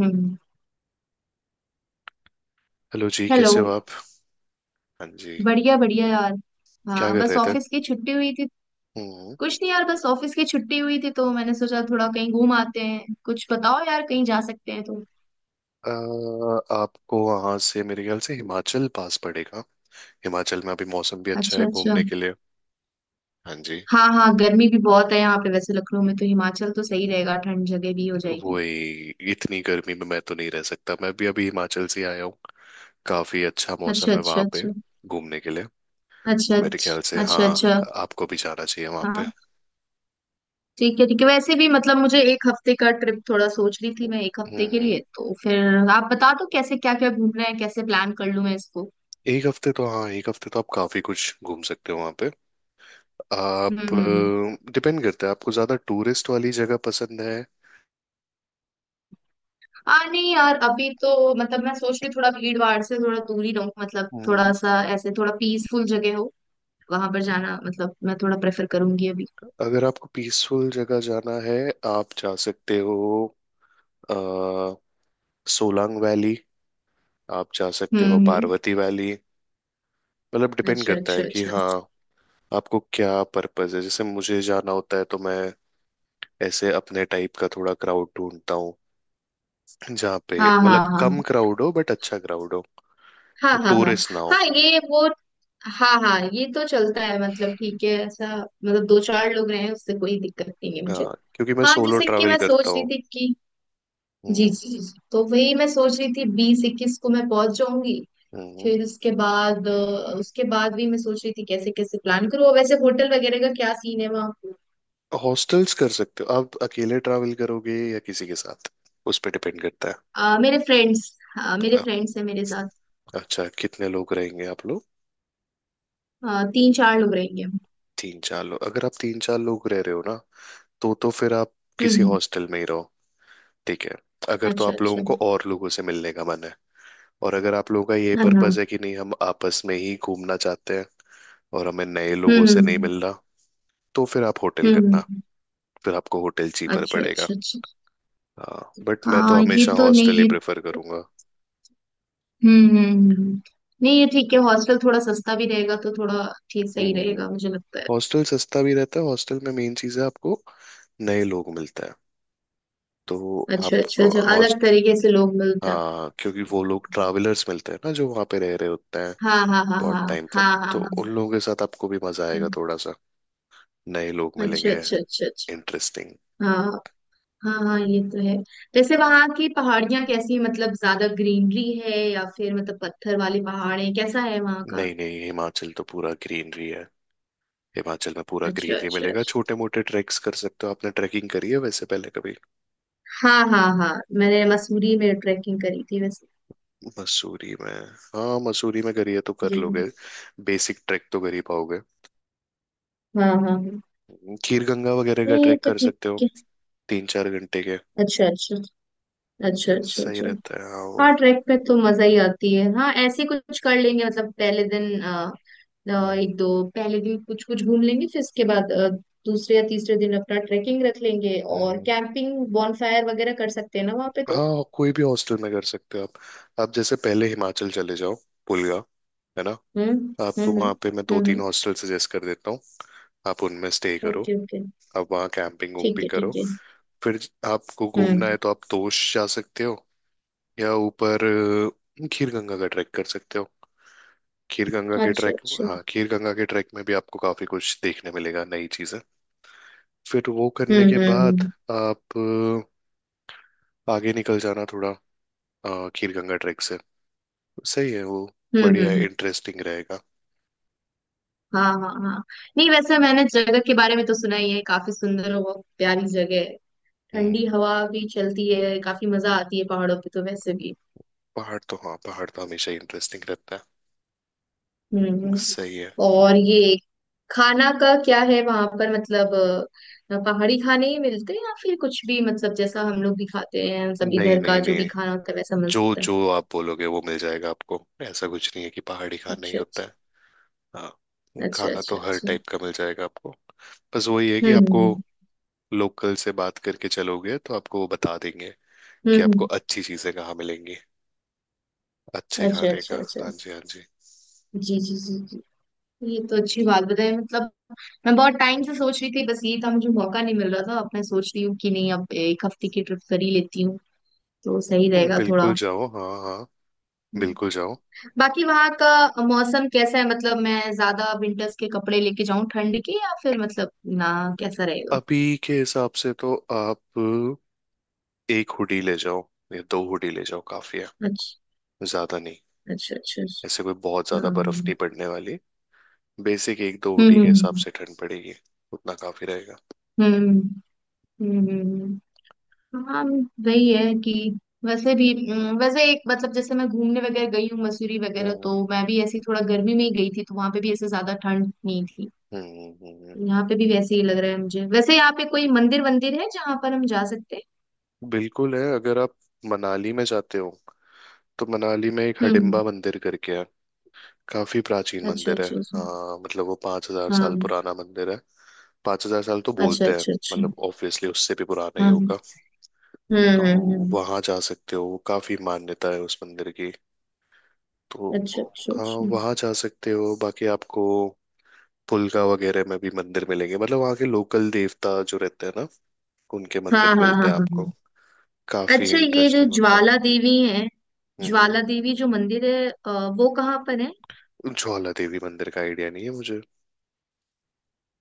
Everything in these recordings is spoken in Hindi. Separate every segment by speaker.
Speaker 1: हम्म।
Speaker 2: हेलो जी,
Speaker 1: हेलो।
Speaker 2: कैसे हो आप। हाँ जी।
Speaker 1: बढ़िया बढ़िया यार।
Speaker 2: क्या
Speaker 1: हाँ,
Speaker 2: कर
Speaker 1: बस
Speaker 2: रहे थे।
Speaker 1: ऑफिस की छुट्टी हुई थी।
Speaker 2: हम्म।
Speaker 1: कुछ नहीं यार, बस ऑफिस की छुट्टी हुई थी तो मैंने सोचा थोड़ा कहीं घूम आते हैं, कुछ बताओ यार कहीं जा सकते हैं तो।
Speaker 2: अ, आपको वहां से मेरे ख्याल से हिमाचल पास पड़ेगा। हिमाचल में अभी मौसम भी अच्छा
Speaker 1: अच्छा
Speaker 2: है
Speaker 1: अच्छा।
Speaker 2: घूमने के लिए। हाँ जी।
Speaker 1: हाँ हाँ, गर्मी भी बहुत है यहाँ पे वैसे लखनऊ में, तो हिमाचल तो सही रहेगा, ठंड जगह भी हो जाएगी।
Speaker 2: वही, इतनी गर्मी में मैं तो नहीं रह सकता, मैं भी अभी हिमाचल से आया हूँ। काफी अच्छा
Speaker 1: अच्छा
Speaker 2: मौसम है
Speaker 1: अच्छा
Speaker 2: वहां पे
Speaker 1: अच्छा
Speaker 2: घूमने के लिए।
Speaker 1: अच्छा
Speaker 2: मेरे ख्याल से
Speaker 1: अच्छा
Speaker 2: हाँ,
Speaker 1: अच्छा अच्छा।
Speaker 2: आपको भी जाना चाहिए वहां पे।
Speaker 1: हाँ, ठीक है ठीक है, वैसे भी मतलब मुझे एक हफ्ते का ट्रिप थोड़ा सोच रही थी, मैं एक हफ्ते के
Speaker 2: हम्म।
Speaker 1: लिए, तो फिर आप बता दो कैसे, क्या क्या घूमना है, कैसे प्लान कर लूँ मैं इसको।
Speaker 2: एक हफ्ते तो, हाँ एक हफ्ते तो आप काफी कुछ घूम सकते हो वहां पे।
Speaker 1: हम्म
Speaker 2: आप
Speaker 1: हम्म हम्म।
Speaker 2: डिपेंड करता है, आपको ज्यादा टूरिस्ट वाली जगह पसंद है।
Speaker 1: आ नहीं यार, अभी तो मतलब मैं सोच रही हूँ थोड़ा भीड़ भाड़ से थोड़ा दूर ही रहूँ, मतलब थोड़ा
Speaker 2: हम्म।
Speaker 1: सा ऐसे थोड़ा पीसफुल जगह हो, वहां पर जाना मतलब मैं थोड़ा प्रेफर करूंगी अभी।
Speaker 2: अगर आपको पीसफुल जगह जाना है आप जा सकते हो। आ, सोलांग वैली। आप जा सकते हो
Speaker 1: हम्म।
Speaker 2: पार्वती वैली। मतलब डिपेंड
Speaker 1: अच्छा
Speaker 2: करता
Speaker 1: अच्छा
Speaker 2: है कि
Speaker 1: अच्छा।
Speaker 2: हाँ आपको क्या पर्पस है। जैसे मुझे जाना होता है तो मैं ऐसे अपने टाइप का थोड़ा क्राउड ढूंढता हूँ, जहाँ पे
Speaker 1: हाँ
Speaker 2: मतलब
Speaker 1: हाँ हाँ
Speaker 2: कम क्राउड हो बट अच्छा क्राउड हो,
Speaker 1: हाँ हाँ हाँ।
Speaker 2: टूरिस्ट ना हो।
Speaker 1: हाँ ये वो, हाँ हाँ, ये तो चलता है, मतलब ठीक है, ऐसा मतलब दो चार लोग रहे हैं उससे कोई दिक्कत नहीं है मुझे।
Speaker 2: हाँ क्योंकि मैं
Speaker 1: हाँ
Speaker 2: सोलो
Speaker 1: जैसे कि
Speaker 2: ट्रैवल
Speaker 1: मैं
Speaker 2: करता
Speaker 1: सोच रही
Speaker 2: हूँ।
Speaker 1: थी कि। जी
Speaker 2: हम्म
Speaker 1: जी जी जी। तो वही मैं सोच रही थी 20-21 को मैं पहुंच जाऊंगी,
Speaker 2: हम्म।
Speaker 1: फिर उसके बाद उसके बाद भी मैं सोच रही थी कैसे कैसे प्लान करूँ, और वैसे होटल वगैरह का क्या सीन है वहाँ।
Speaker 2: हॉस्टल्स कर सकते हो आप। अकेले ट्रैवल करोगे या किसी के साथ, उस पर डिपेंड करता है।
Speaker 1: अ, मेरे फ्रेंड्स मेरे
Speaker 2: अ-
Speaker 1: फ्रेंड्स हैं मेरे साथ।
Speaker 2: अच्छा कितने लोग रहेंगे आप लोग।
Speaker 1: तीन चार लोग रहेंगे हम।
Speaker 2: तीन चार लोग, अगर आप तीन चार लोग रह रहे हो ना तो फिर आप
Speaker 1: हम्म
Speaker 2: किसी
Speaker 1: हम्म,
Speaker 2: हॉस्टल में ही रहो। ठीक है, अगर तो
Speaker 1: अच्छा
Speaker 2: आप
Speaker 1: अच्छा।
Speaker 2: लोगों को और लोगों से मिलने का मन है। और अगर आप लोगों का ये
Speaker 1: हाँ हाँ,
Speaker 2: पर्पस है कि नहीं हम आपस में ही घूमना चाहते हैं और हमें नए लोगों
Speaker 1: हम्म
Speaker 2: से नहीं
Speaker 1: हम्म
Speaker 2: मिल रहा, तो फिर आप होटल
Speaker 1: हम्म, हम्म,
Speaker 2: करना।
Speaker 1: हम्म।
Speaker 2: फिर आपको होटल चीपर
Speaker 1: अच्छा
Speaker 2: पड़ेगा।
Speaker 1: अच्छा अच्छा।
Speaker 2: हाँ बट मैं तो
Speaker 1: हाँ ये
Speaker 2: हमेशा
Speaker 1: तो नहीं
Speaker 2: हॉस्टल ही
Speaker 1: ये।
Speaker 2: प्रेफर करूंगा।
Speaker 1: हम्म। नहीं ये ठीक है, हॉस्टल थोड़ा सस्ता भी रहेगा तो थोड़ा ठीक सही
Speaker 2: हम्म।
Speaker 1: रहेगा मुझे लगता है।
Speaker 2: हॉस्टल सस्ता भी रहता है। हॉस्टल में मेन चीज है, आपको नए लोग मिलता है। तो
Speaker 1: अच्छा अच्छा
Speaker 2: आपको
Speaker 1: अच्छा, अलग
Speaker 2: हॉस्ट,
Speaker 1: तरीके से लोग मिलते हैं।
Speaker 2: हाँ क्योंकि वो लोग ट्रैवलर्स मिलते हैं ना जो वहाँ पे रह रहे होते हैं
Speaker 1: हाँ हाँ हाँ हाँ।
Speaker 2: बहुत टाइम तक,
Speaker 1: हाँ हाँ
Speaker 2: तो
Speaker 1: हाँ
Speaker 2: उन लोगों के साथ आपको भी मजा आएगा
Speaker 1: हाँ।
Speaker 2: थोड़ा सा। नए लोग
Speaker 1: अच्छा
Speaker 2: मिलेंगे,
Speaker 1: अच्छा अच्छा अच्छा।
Speaker 2: इंटरेस्टिंग।
Speaker 1: हाँ हाँ हाँ ये तो है। वैसे वहां की पहाड़ियाँ कैसी हैं? मतलब ज्यादा ग्रीनरी है या फिर मतलब पत्थर वाले पहाड़ है, कैसा है वहां का।
Speaker 2: नहीं नहीं, हिमाचल तो पूरा ग्रीनरी है। हिमाचल में पूरा
Speaker 1: अच्छा
Speaker 2: ग्रीनरी
Speaker 1: अच्छा
Speaker 2: मिलेगा,
Speaker 1: अच्छा।
Speaker 2: छोटे मोटे ट्रैक्स कर सकते हो। आपने ट्रैकिंग करी है वैसे पहले कभी।
Speaker 1: हाँ हाँ हाँ, मैंने मसूरी में ट्रैकिंग करी थी वैसे।
Speaker 2: मसूरी में, हाँ मसूरी में करी है तो कर
Speaker 1: जी।
Speaker 2: लोगे। बेसिक ट्रैक तो कर ही पाओगे।
Speaker 1: हाँ हाँ हाँ।
Speaker 2: खीर गंगा वगैरह का
Speaker 1: ये
Speaker 2: ट्रैक
Speaker 1: तो
Speaker 2: कर
Speaker 1: ठीक
Speaker 2: सकते हो,
Speaker 1: है।
Speaker 2: तीन चार घंटे के।
Speaker 1: अच्छा अच्छा अच्छा अच्छा
Speaker 2: सही
Speaker 1: अच्छा।
Speaker 2: रहता है हाँ वो।
Speaker 1: हाँ, ट्रैक पे तो मजा ही आती है, हाँ ऐसे कुछ कर लेंगे, मतलब पहले दिन एक दो पहले दिन कुछ कुछ घूम लेंगे, फिर इसके बाद दूसरे या तीसरे दिन अपना ट्रैकिंग रख लेंगे और
Speaker 2: हम्म।
Speaker 1: कैंपिंग बॉनफायर वगैरह कर सकते हैं ना वहाँ पे तो।
Speaker 2: हाँ कोई भी हॉस्टल में कर सकते हो आप। आप जैसे पहले हिमाचल चले जाओ, पुलगा, है ना।
Speaker 1: हम्म
Speaker 2: आपको वहाँ पे मैं दो तीन
Speaker 1: हम्म।
Speaker 2: हॉस्टल सजेस्ट कर देता हूँ। आप उनमें स्टे करो।
Speaker 1: Okay okay.
Speaker 2: आप वहाँ कैंपिंग
Speaker 1: ठीक
Speaker 2: वैम्पिंग
Speaker 1: है
Speaker 2: करो।
Speaker 1: ठीक है।
Speaker 2: फिर आपको घूमना है
Speaker 1: हम्म।
Speaker 2: तो आप तोश जा सकते हो या ऊपर। खीर गंगा का ट्रैक कर सकते हो, खीर गंगा के
Speaker 1: अच्छा
Speaker 2: ट्रैक।
Speaker 1: अच्छा।
Speaker 2: हाँ खीर गंगा के ट्रैक में भी आपको काफी कुछ देखने मिलेगा, नई चीजें। फिर वो
Speaker 1: हम्म
Speaker 2: करने के
Speaker 1: हम्म
Speaker 2: बाद
Speaker 1: हम्म
Speaker 2: आप आगे निकल जाना थोड़ा, खीर गंगा ट्रैक से। सही है वो,
Speaker 1: हम्म हम्म
Speaker 2: बढ़िया
Speaker 1: हम्म,
Speaker 2: इंटरेस्टिंग रहेगा।
Speaker 1: हाँ हाँ हाँ। नहीं वैसे मैंने जगह के बारे में तो सुना ही है, काफी सुंदर और बहुत प्यारी जगह है। ठंडी
Speaker 2: हम्म।
Speaker 1: हवा भी चलती है, काफी मजा आती है पहाड़ों पे तो वैसे भी।
Speaker 2: पहाड़ तो, हाँ पहाड़ तो हमेशा इंटरेस्टिंग रहता है।
Speaker 1: हम्म।
Speaker 2: सही है।
Speaker 1: और ये खाना का क्या है वहां पर, मतलब पहाड़ी खाने ही मिलते हैं या फिर कुछ भी, मतलब जैसा हम लोग भी खाते हैं मतलब
Speaker 2: नहीं
Speaker 1: इधर का
Speaker 2: नहीं
Speaker 1: जो भी
Speaker 2: नहीं,
Speaker 1: खाना होता है वैसा मिल
Speaker 2: जो
Speaker 1: सकता है।
Speaker 2: जो आप बोलोगे वो मिल जाएगा आपको। ऐसा कुछ नहीं है कि पहाड़ी खाना ही
Speaker 1: अच्छा
Speaker 2: होता
Speaker 1: अच्छा
Speaker 2: है। हाँ
Speaker 1: अच्छा
Speaker 2: खाना तो
Speaker 1: अच्छा
Speaker 2: हर
Speaker 1: अच्छा।
Speaker 2: टाइप का मिल जाएगा आपको। बस वही है कि
Speaker 1: हम्म
Speaker 2: आपको
Speaker 1: हम्म
Speaker 2: लोकल से बात करके चलोगे तो आपको वो बता देंगे
Speaker 1: हम्म
Speaker 2: कि आपको
Speaker 1: हम्म,
Speaker 2: अच्छी चीजें कहाँ मिलेंगी, अच्छे
Speaker 1: अच्छा
Speaker 2: खाने
Speaker 1: अच्छा
Speaker 2: का।
Speaker 1: अच्छा।
Speaker 2: हाँ जी, हाँ जी।
Speaker 1: जी जी जी जी। ये तो अच्छी बात बताई, मतलब मैं बहुत टाइम से सोच रही थी, बस ये था मुझे मौका नहीं मिल रहा था, अब मैं सोच रही हूँ कि नहीं अब एक हफ्ते की ट्रिप कर ही लेती हूँ तो सही रहेगा थोड़ा।
Speaker 2: बिल्कुल जाओ, हाँ हाँ, बिल्कुल जाओ।
Speaker 1: बाकी वहां का मौसम कैसा है, मतलब मैं ज्यादा विंटर्स के कपड़े लेके जाऊं ठंड के या फिर मतलब, ना, कैसा रहेगा।
Speaker 2: अभी के हिसाब से तो आप एक हुडी ले जाओ या दो हुडी ले जाओ, काफी है,
Speaker 1: अच्छा
Speaker 2: ज्यादा नहीं।
Speaker 1: अच्छा अच्छा
Speaker 2: ऐसे
Speaker 1: अच्छा।
Speaker 2: कोई बहुत ज्यादा बर्फ
Speaker 1: हम्म
Speaker 2: नहीं पड़ने वाली। बेसिक एक दो हुडी
Speaker 1: हम्म
Speaker 2: के हिसाब
Speaker 1: हम्म
Speaker 2: से ठंड पड़ेगी, उतना काफी रहेगा।
Speaker 1: हम्म हम्म, हम्म, हम्म। हाँ, वही है कि वैसे भी वैसे एक मतलब, जैसे मैं घूमने वगैरह गई हूँ मसूरी वगैरह,
Speaker 2: हम्म
Speaker 1: तो मैं भी ऐसी थोड़ा गर्मी में ही गई थी तो वहां पे भी ऐसे ज्यादा ठंड नहीं थी।
Speaker 2: हम्म। हम्म। हम्म।
Speaker 1: यहाँ पे भी वैसे ही लग रहा है मुझे। वैसे यहाँ पे कोई मंदिर वंदिर है जहाँ पर हम जा सकते हैं?
Speaker 2: बिल्कुल है। अगर आप मनाली में जाते हो तो मनाली में एक
Speaker 1: हम्म।
Speaker 2: हडिम्बा मंदिर करके है, काफी प्राचीन
Speaker 1: अच्छा
Speaker 2: मंदिर है।
Speaker 1: अच्छा अच्छा।
Speaker 2: हाँ मतलब वो 5,000 साल
Speaker 1: हाँ।
Speaker 2: पुराना मंदिर है। 5,000 साल तो
Speaker 1: अच्छा
Speaker 2: बोलते हैं।
Speaker 1: अच्छा अच्छा।
Speaker 2: मतलब ऑब्वियसली उससे भी पुराना ही
Speaker 1: हाँ।
Speaker 2: होगा। तो
Speaker 1: हम्म हम्म,
Speaker 2: वहां जा सकते हो, काफी मान्यता है उस मंदिर की। तो
Speaker 1: अच्छा अच्छा
Speaker 2: हाँ
Speaker 1: अच्छा।
Speaker 2: वहाँ जा सकते हो। बाकी आपको पुलका वगैरह में भी मंदिर मिलेंगे, मतलब वहाँ के लोकल देवता जो रहते हैं ना, उनके
Speaker 1: हाँ
Speaker 2: मंदिर
Speaker 1: हाँ
Speaker 2: मिलते
Speaker 1: हाँ
Speaker 2: हैं
Speaker 1: हाँ हाँ।
Speaker 2: आपको। काफी
Speaker 1: अच्छा, ये जो
Speaker 2: इंटरेस्टिंग होता है।
Speaker 1: ज्वाला देवी है,
Speaker 2: हम्म।
Speaker 1: ज्वाला देवी जो मंदिर है, वो कहाँ पर है?
Speaker 2: ज्वाला देवी मंदिर का आइडिया नहीं है मुझे।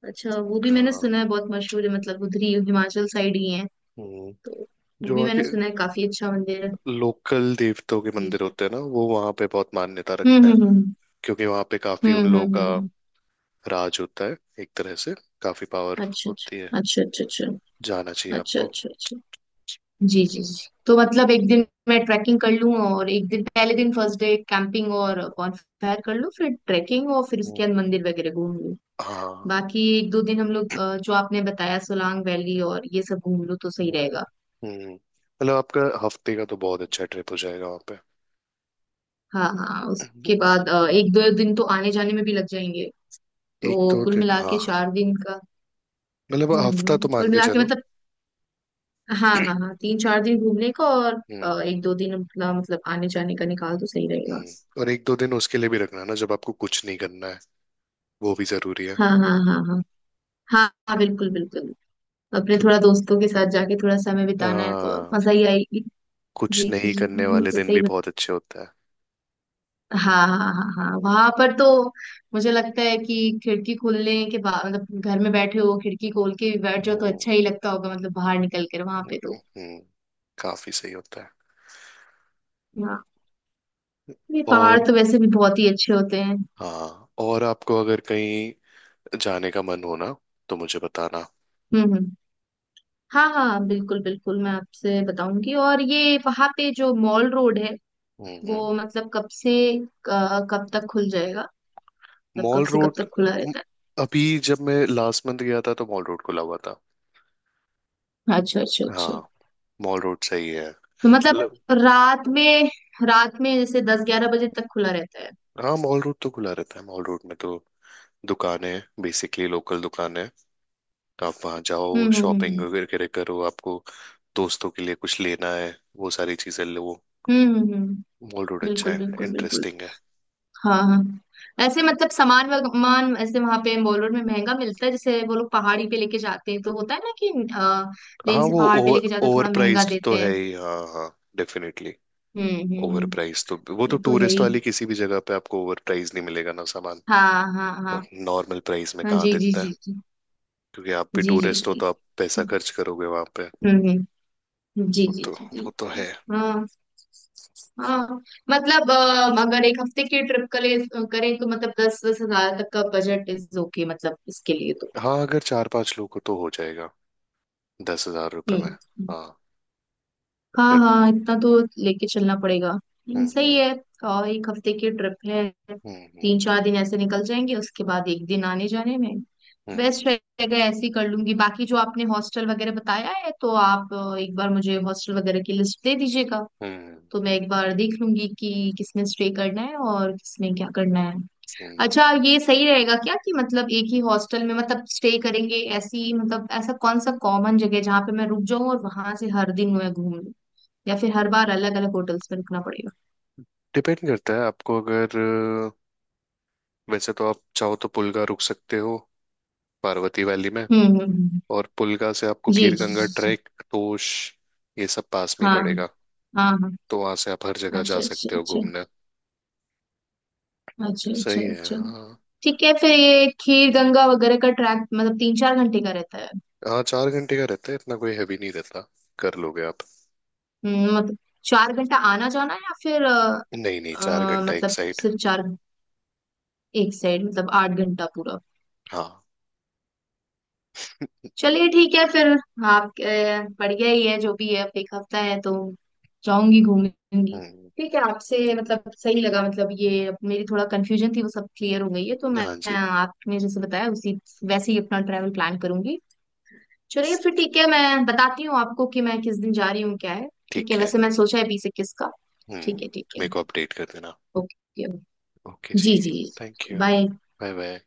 Speaker 1: अच्छा, वो भी मैंने
Speaker 2: हाँ।
Speaker 1: सुना है, बहुत मशहूर है, मतलब उधर ही हिमाचल साइड ही है
Speaker 2: हम्म।
Speaker 1: तो। वो
Speaker 2: जो
Speaker 1: भी
Speaker 2: वहाँ के
Speaker 1: मैंने सुना है, काफी अच्छा मंदिर है।
Speaker 2: लोकल देवताओं के
Speaker 1: जी।
Speaker 2: मंदिर होते हैं ना वो वहाँ पे बहुत मान्यता
Speaker 1: हम्म
Speaker 2: रखते हैं,
Speaker 1: हम्म हम्म
Speaker 2: क्योंकि वहाँ पे काफी
Speaker 1: हम्म
Speaker 2: उन
Speaker 1: हम्म
Speaker 2: लोगों
Speaker 1: हम्म, हम्म।
Speaker 2: का राज होता है एक तरह से, काफी पावर
Speaker 1: अच्छा
Speaker 2: होती है।
Speaker 1: अच्छा अच्छा अच्छा
Speaker 2: जाना चाहिए
Speaker 1: अच्छा अच्छा
Speaker 2: आपको।
Speaker 1: अच्छा अच्छा। जी जी जी, तो मतलब एक दिन मैं ट्रैकिंग कर लूँ और एक दिन पहले दिन फर्स्ट डे कैंपिंग और बॉनफायर कर लूँ, फिर ट्रैकिंग और फिर
Speaker 2: हम्म।
Speaker 1: उसके बाद मंदिर वगैरह घूम लूँ।
Speaker 2: हाँ।
Speaker 1: बाकी एक दो दिन हम लोग जो आपने बताया सोलांग वैली और ये सब घूम लूँ तो सही
Speaker 2: हम्म
Speaker 1: रहेगा।
Speaker 2: मतलब आपका हफ्ते का तो बहुत अच्छा ट्रिप हो जाएगा वहां पे।
Speaker 1: हाँ हाँ,
Speaker 2: हम्म।
Speaker 1: उसके बाद एक दो दिन तो आने जाने में भी लग जाएंगे,
Speaker 2: एक
Speaker 1: तो
Speaker 2: दो
Speaker 1: कुल
Speaker 2: दिन,
Speaker 1: मिला
Speaker 2: हाँ
Speaker 1: के चार दिन का।
Speaker 2: मतलब हफ्ता
Speaker 1: हम्म,
Speaker 2: तो मान
Speaker 1: कुल
Speaker 2: के
Speaker 1: मिला के
Speaker 2: चलो।
Speaker 1: मतलब, हाँ हाँ हाँ तीन चार दिन घूमने का और
Speaker 2: हम्म।
Speaker 1: एक दो दिन अपना, मतलब आने जाने का, निकाल तो सही रहेगा।
Speaker 2: हम्म। और एक दो दिन उसके लिए भी रखना ना, जब आपको कुछ नहीं करना है, वो भी जरूरी है।
Speaker 1: हाँ हाँ हाँ हाँ। हाँ हाँ बिल्कुल बिल्कुल। अपने
Speaker 2: क्योंकि
Speaker 1: थोड़ा दोस्तों के साथ जाके थोड़ा समय बिताना है तो
Speaker 2: हाँ,
Speaker 1: मजा ही आएगी।
Speaker 2: कुछ
Speaker 1: जी
Speaker 2: नहीं करने
Speaker 1: जी, ये
Speaker 2: वाले
Speaker 1: तो
Speaker 2: दिन
Speaker 1: सही
Speaker 2: भी
Speaker 1: बत...
Speaker 2: बहुत अच्छे होता है।
Speaker 1: हाँ हाँ हाँ हाँ वहां पर तो मुझे लगता है कि खिड़की खोलने के बाद, मतलब घर में बैठे हो खिड़की खोल के भी बैठ जाओ तो
Speaker 2: हम्म।
Speaker 1: अच्छा ही लगता होगा, मतलब बाहर निकल कर वहां पे तो।
Speaker 2: हम्म। काफी सही होता है।
Speaker 1: हाँ, ये पहाड़
Speaker 2: और
Speaker 1: तो वैसे भी बहुत ही अच्छे होते हैं।
Speaker 2: हाँ, और आपको अगर कहीं जाने का मन हो ना तो मुझे बताना।
Speaker 1: हम्म। हाँ हाँ बिल्कुल बिल्कुल, मैं आपसे बताऊंगी। और ये वहां पे जो मॉल रोड है
Speaker 2: हम्म। हम्म।
Speaker 1: वो मतलब कब से कब तक खुल जाएगा, मतलब कब
Speaker 2: मॉल
Speaker 1: से कब
Speaker 2: रोड,
Speaker 1: तक खुला
Speaker 2: म-
Speaker 1: रहता
Speaker 2: अभी जब मैं लास्ट मंथ गया था तो मॉल रोड खुला हुआ था।
Speaker 1: है? अच्छा अच्छा अच्छा,
Speaker 2: हाँ मॉल रोड सही है,
Speaker 1: तो मतलब
Speaker 2: मतलब,
Speaker 1: रात में रात में जैसे 10-11 बजे तक खुला रहता है?
Speaker 2: हाँ मॉल रोड तो खुला रहता है। मॉल रोड में तो दुकानें बेसिकली लोकल दुकान है, तो आप वहाँ जाओ
Speaker 1: हम्म
Speaker 2: शॉपिंग
Speaker 1: हम्म
Speaker 2: वगैरह करो। आपको दोस्तों के लिए कुछ लेना है वो सारी चीजें लो।
Speaker 1: हम्म।
Speaker 2: मॉल रोड अच्छा
Speaker 1: बिल्कुल
Speaker 2: है,
Speaker 1: बिल्कुल बिल्कुल।
Speaker 2: इंटरेस्टिंग है।
Speaker 1: हाँ हाँ, ऐसे मतलब सामान वामान ऐसे वहां पे मॉल रोड में महंगा मिलता है, जैसे वो लोग पहाड़ी पे लेके जाते हैं तो होता है ना कि अ,
Speaker 2: हाँ
Speaker 1: लेन से
Speaker 2: वो
Speaker 1: पहाड़ पे
Speaker 2: ओवर
Speaker 1: लेके जाते हैं
Speaker 2: ओवर
Speaker 1: थोड़ा महंगा
Speaker 2: प्राइस्ड
Speaker 1: देते
Speaker 2: तो है
Speaker 1: हैं।
Speaker 2: ही, हाँ हाँ, डेफिनेटली। Over
Speaker 1: hmm.
Speaker 2: प्राइस तो, वो
Speaker 1: ये
Speaker 2: तो
Speaker 1: तो है
Speaker 2: टूरिस्ट
Speaker 1: ही।
Speaker 2: वाली किसी भी जगह पे आपको ओवर प्राइस नहीं मिलेगा ना सामान।
Speaker 1: हाँ हाँ
Speaker 2: और
Speaker 1: हाँ
Speaker 2: नॉर्मल प्राइस में
Speaker 1: हाँ।
Speaker 2: कहाँ
Speaker 1: जी जी
Speaker 2: देता है,
Speaker 1: जी जी
Speaker 2: क्योंकि आप भी
Speaker 1: जी जी
Speaker 2: टूरिस्ट हो
Speaker 1: जी।
Speaker 2: तो आप पैसा
Speaker 1: हम्म
Speaker 2: खर्च करोगे वहां पे।
Speaker 1: हम्म। जी
Speaker 2: वो
Speaker 1: जी
Speaker 2: तो
Speaker 1: जी जी,
Speaker 2: वो तो
Speaker 1: तो
Speaker 2: है।
Speaker 1: हाँ हाँ, मतलब अगर एक हफ्ते की ट्रिप करें तो मतलब दस दस हजार तक का बजट इज ओके मतलब इसके लिए तो।
Speaker 2: हाँ अगर चार पांच लोग हो तो हो जाएगा, 10,000 रुपये में,
Speaker 1: हम्म।
Speaker 2: हाँ
Speaker 1: हाँ
Speaker 2: अगर।
Speaker 1: हाँ, इतना तो लेके चलना पड़ेगा, सही
Speaker 2: हम्म
Speaker 1: है। और एक हफ्ते की ट्रिप है,
Speaker 2: हम्म हम्म
Speaker 1: तीन चार दिन ऐसे निकल जाएंगे उसके बाद एक दिन आने जाने में,
Speaker 2: हम्म
Speaker 1: बेस्ट रहेगा, ऐसे ही कर लूंगी। बाकी जो आपने हॉस्टल वगैरह बताया है, तो आप एक बार मुझे हॉस्टल वगैरह की लिस्ट दे दीजिएगा
Speaker 2: हम्म
Speaker 1: तो मैं एक बार देख लूंगी कि किसमें स्टे करना है और किसमें क्या करना है।
Speaker 2: हम्म।
Speaker 1: अच्छा, ये सही रहेगा क्या कि मतलब एक ही हॉस्टल में मतलब स्टे करेंगे, ऐसी मतलब ऐसा कौन सा कॉमन जगह है जहाँ पे मैं रुक जाऊं और वहां से हर दिन मैं घूम लूं, या फिर हर बार अलग अलग होटल्स में रुकना पड़ेगा?
Speaker 2: डिपेंड करता है आपको अगर, वैसे तो आप चाहो तो पुलगा रुक सकते हो, पार्वती वैली में।
Speaker 1: हम्म।
Speaker 2: और पुलगा से आपको
Speaker 1: जी
Speaker 2: खीर
Speaker 1: जी
Speaker 2: गंगा
Speaker 1: जी जी।
Speaker 2: ट्रैक, तोश, ये सब पास में ही
Speaker 1: हाँ
Speaker 2: पड़ेगा।
Speaker 1: हाँ हाँ।
Speaker 2: तो वहां से आप हर जगह जा
Speaker 1: अच्छा अच्छा
Speaker 2: सकते हो
Speaker 1: अच्छा
Speaker 2: घूमने।
Speaker 1: अच्छा अच्छा
Speaker 2: सही है।
Speaker 1: अच्छा।
Speaker 2: हाँ
Speaker 1: ठीक है फिर, ये खीर गंगा वगैरह का ट्रैक मतलब तीन चार घंटे का रहता है?
Speaker 2: हाँ चार घंटे का रहता है, इतना कोई हैवी नहीं रहता, कर लोगे आप।
Speaker 1: मतलब 4 घंटा आना जाना, या फिर
Speaker 2: नहीं नहीं, चार घंटा एक
Speaker 1: मतलब
Speaker 2: साइड।
Speaker 1: सिर्फ चार एक साइड, मतलब 8 घंटा पूरा?
Speaker 2: हाँ।
Speaker 1: चलिए ठीक है फिर। आप बढ़िया ही है जो भी है, अब एक हफ्ता है तो जाऊंगी घूमूंगी।
Speaker 2: हम्म।
Speaker 1: ठीक है, आपसे मतलब सही लगा, मतलब ये अब मेरी थोड़ा कंफ्यूजन थी वो सब क्लियर हो गई है, तो मैं
Speaker 2: हाँ
Speaker 1: मैं
Speaker 2: जी।
Speaker 1: आपने जैसे बताया उसी वैसे ही अपना ट्रैवल प्लान करूंगी। चलिए फिर ठीक है, मैं बताती हूँ आपको कि मैं किस दिन जा रही हूँ क्या है। ठीक है,
Speaker 2: ठीक है।
Speaker 1: वैसे मैं सोचा है 20-21 का।
Speaker 2: हम्म।
Speaker 1: ठीक है ठीक
Speaker 2: मेरे
Speaker 1: है।
Speaker 2: को अपडेट कर देना।
Speaker 1: ओके
Speaker 2: ओके
Speaker 1: जी।
Speaker 2: जी।
Speaker 1: जी।
Speaker 2: Thank you.
Speaker 1: Bye.
Speaker 2: Bye bye.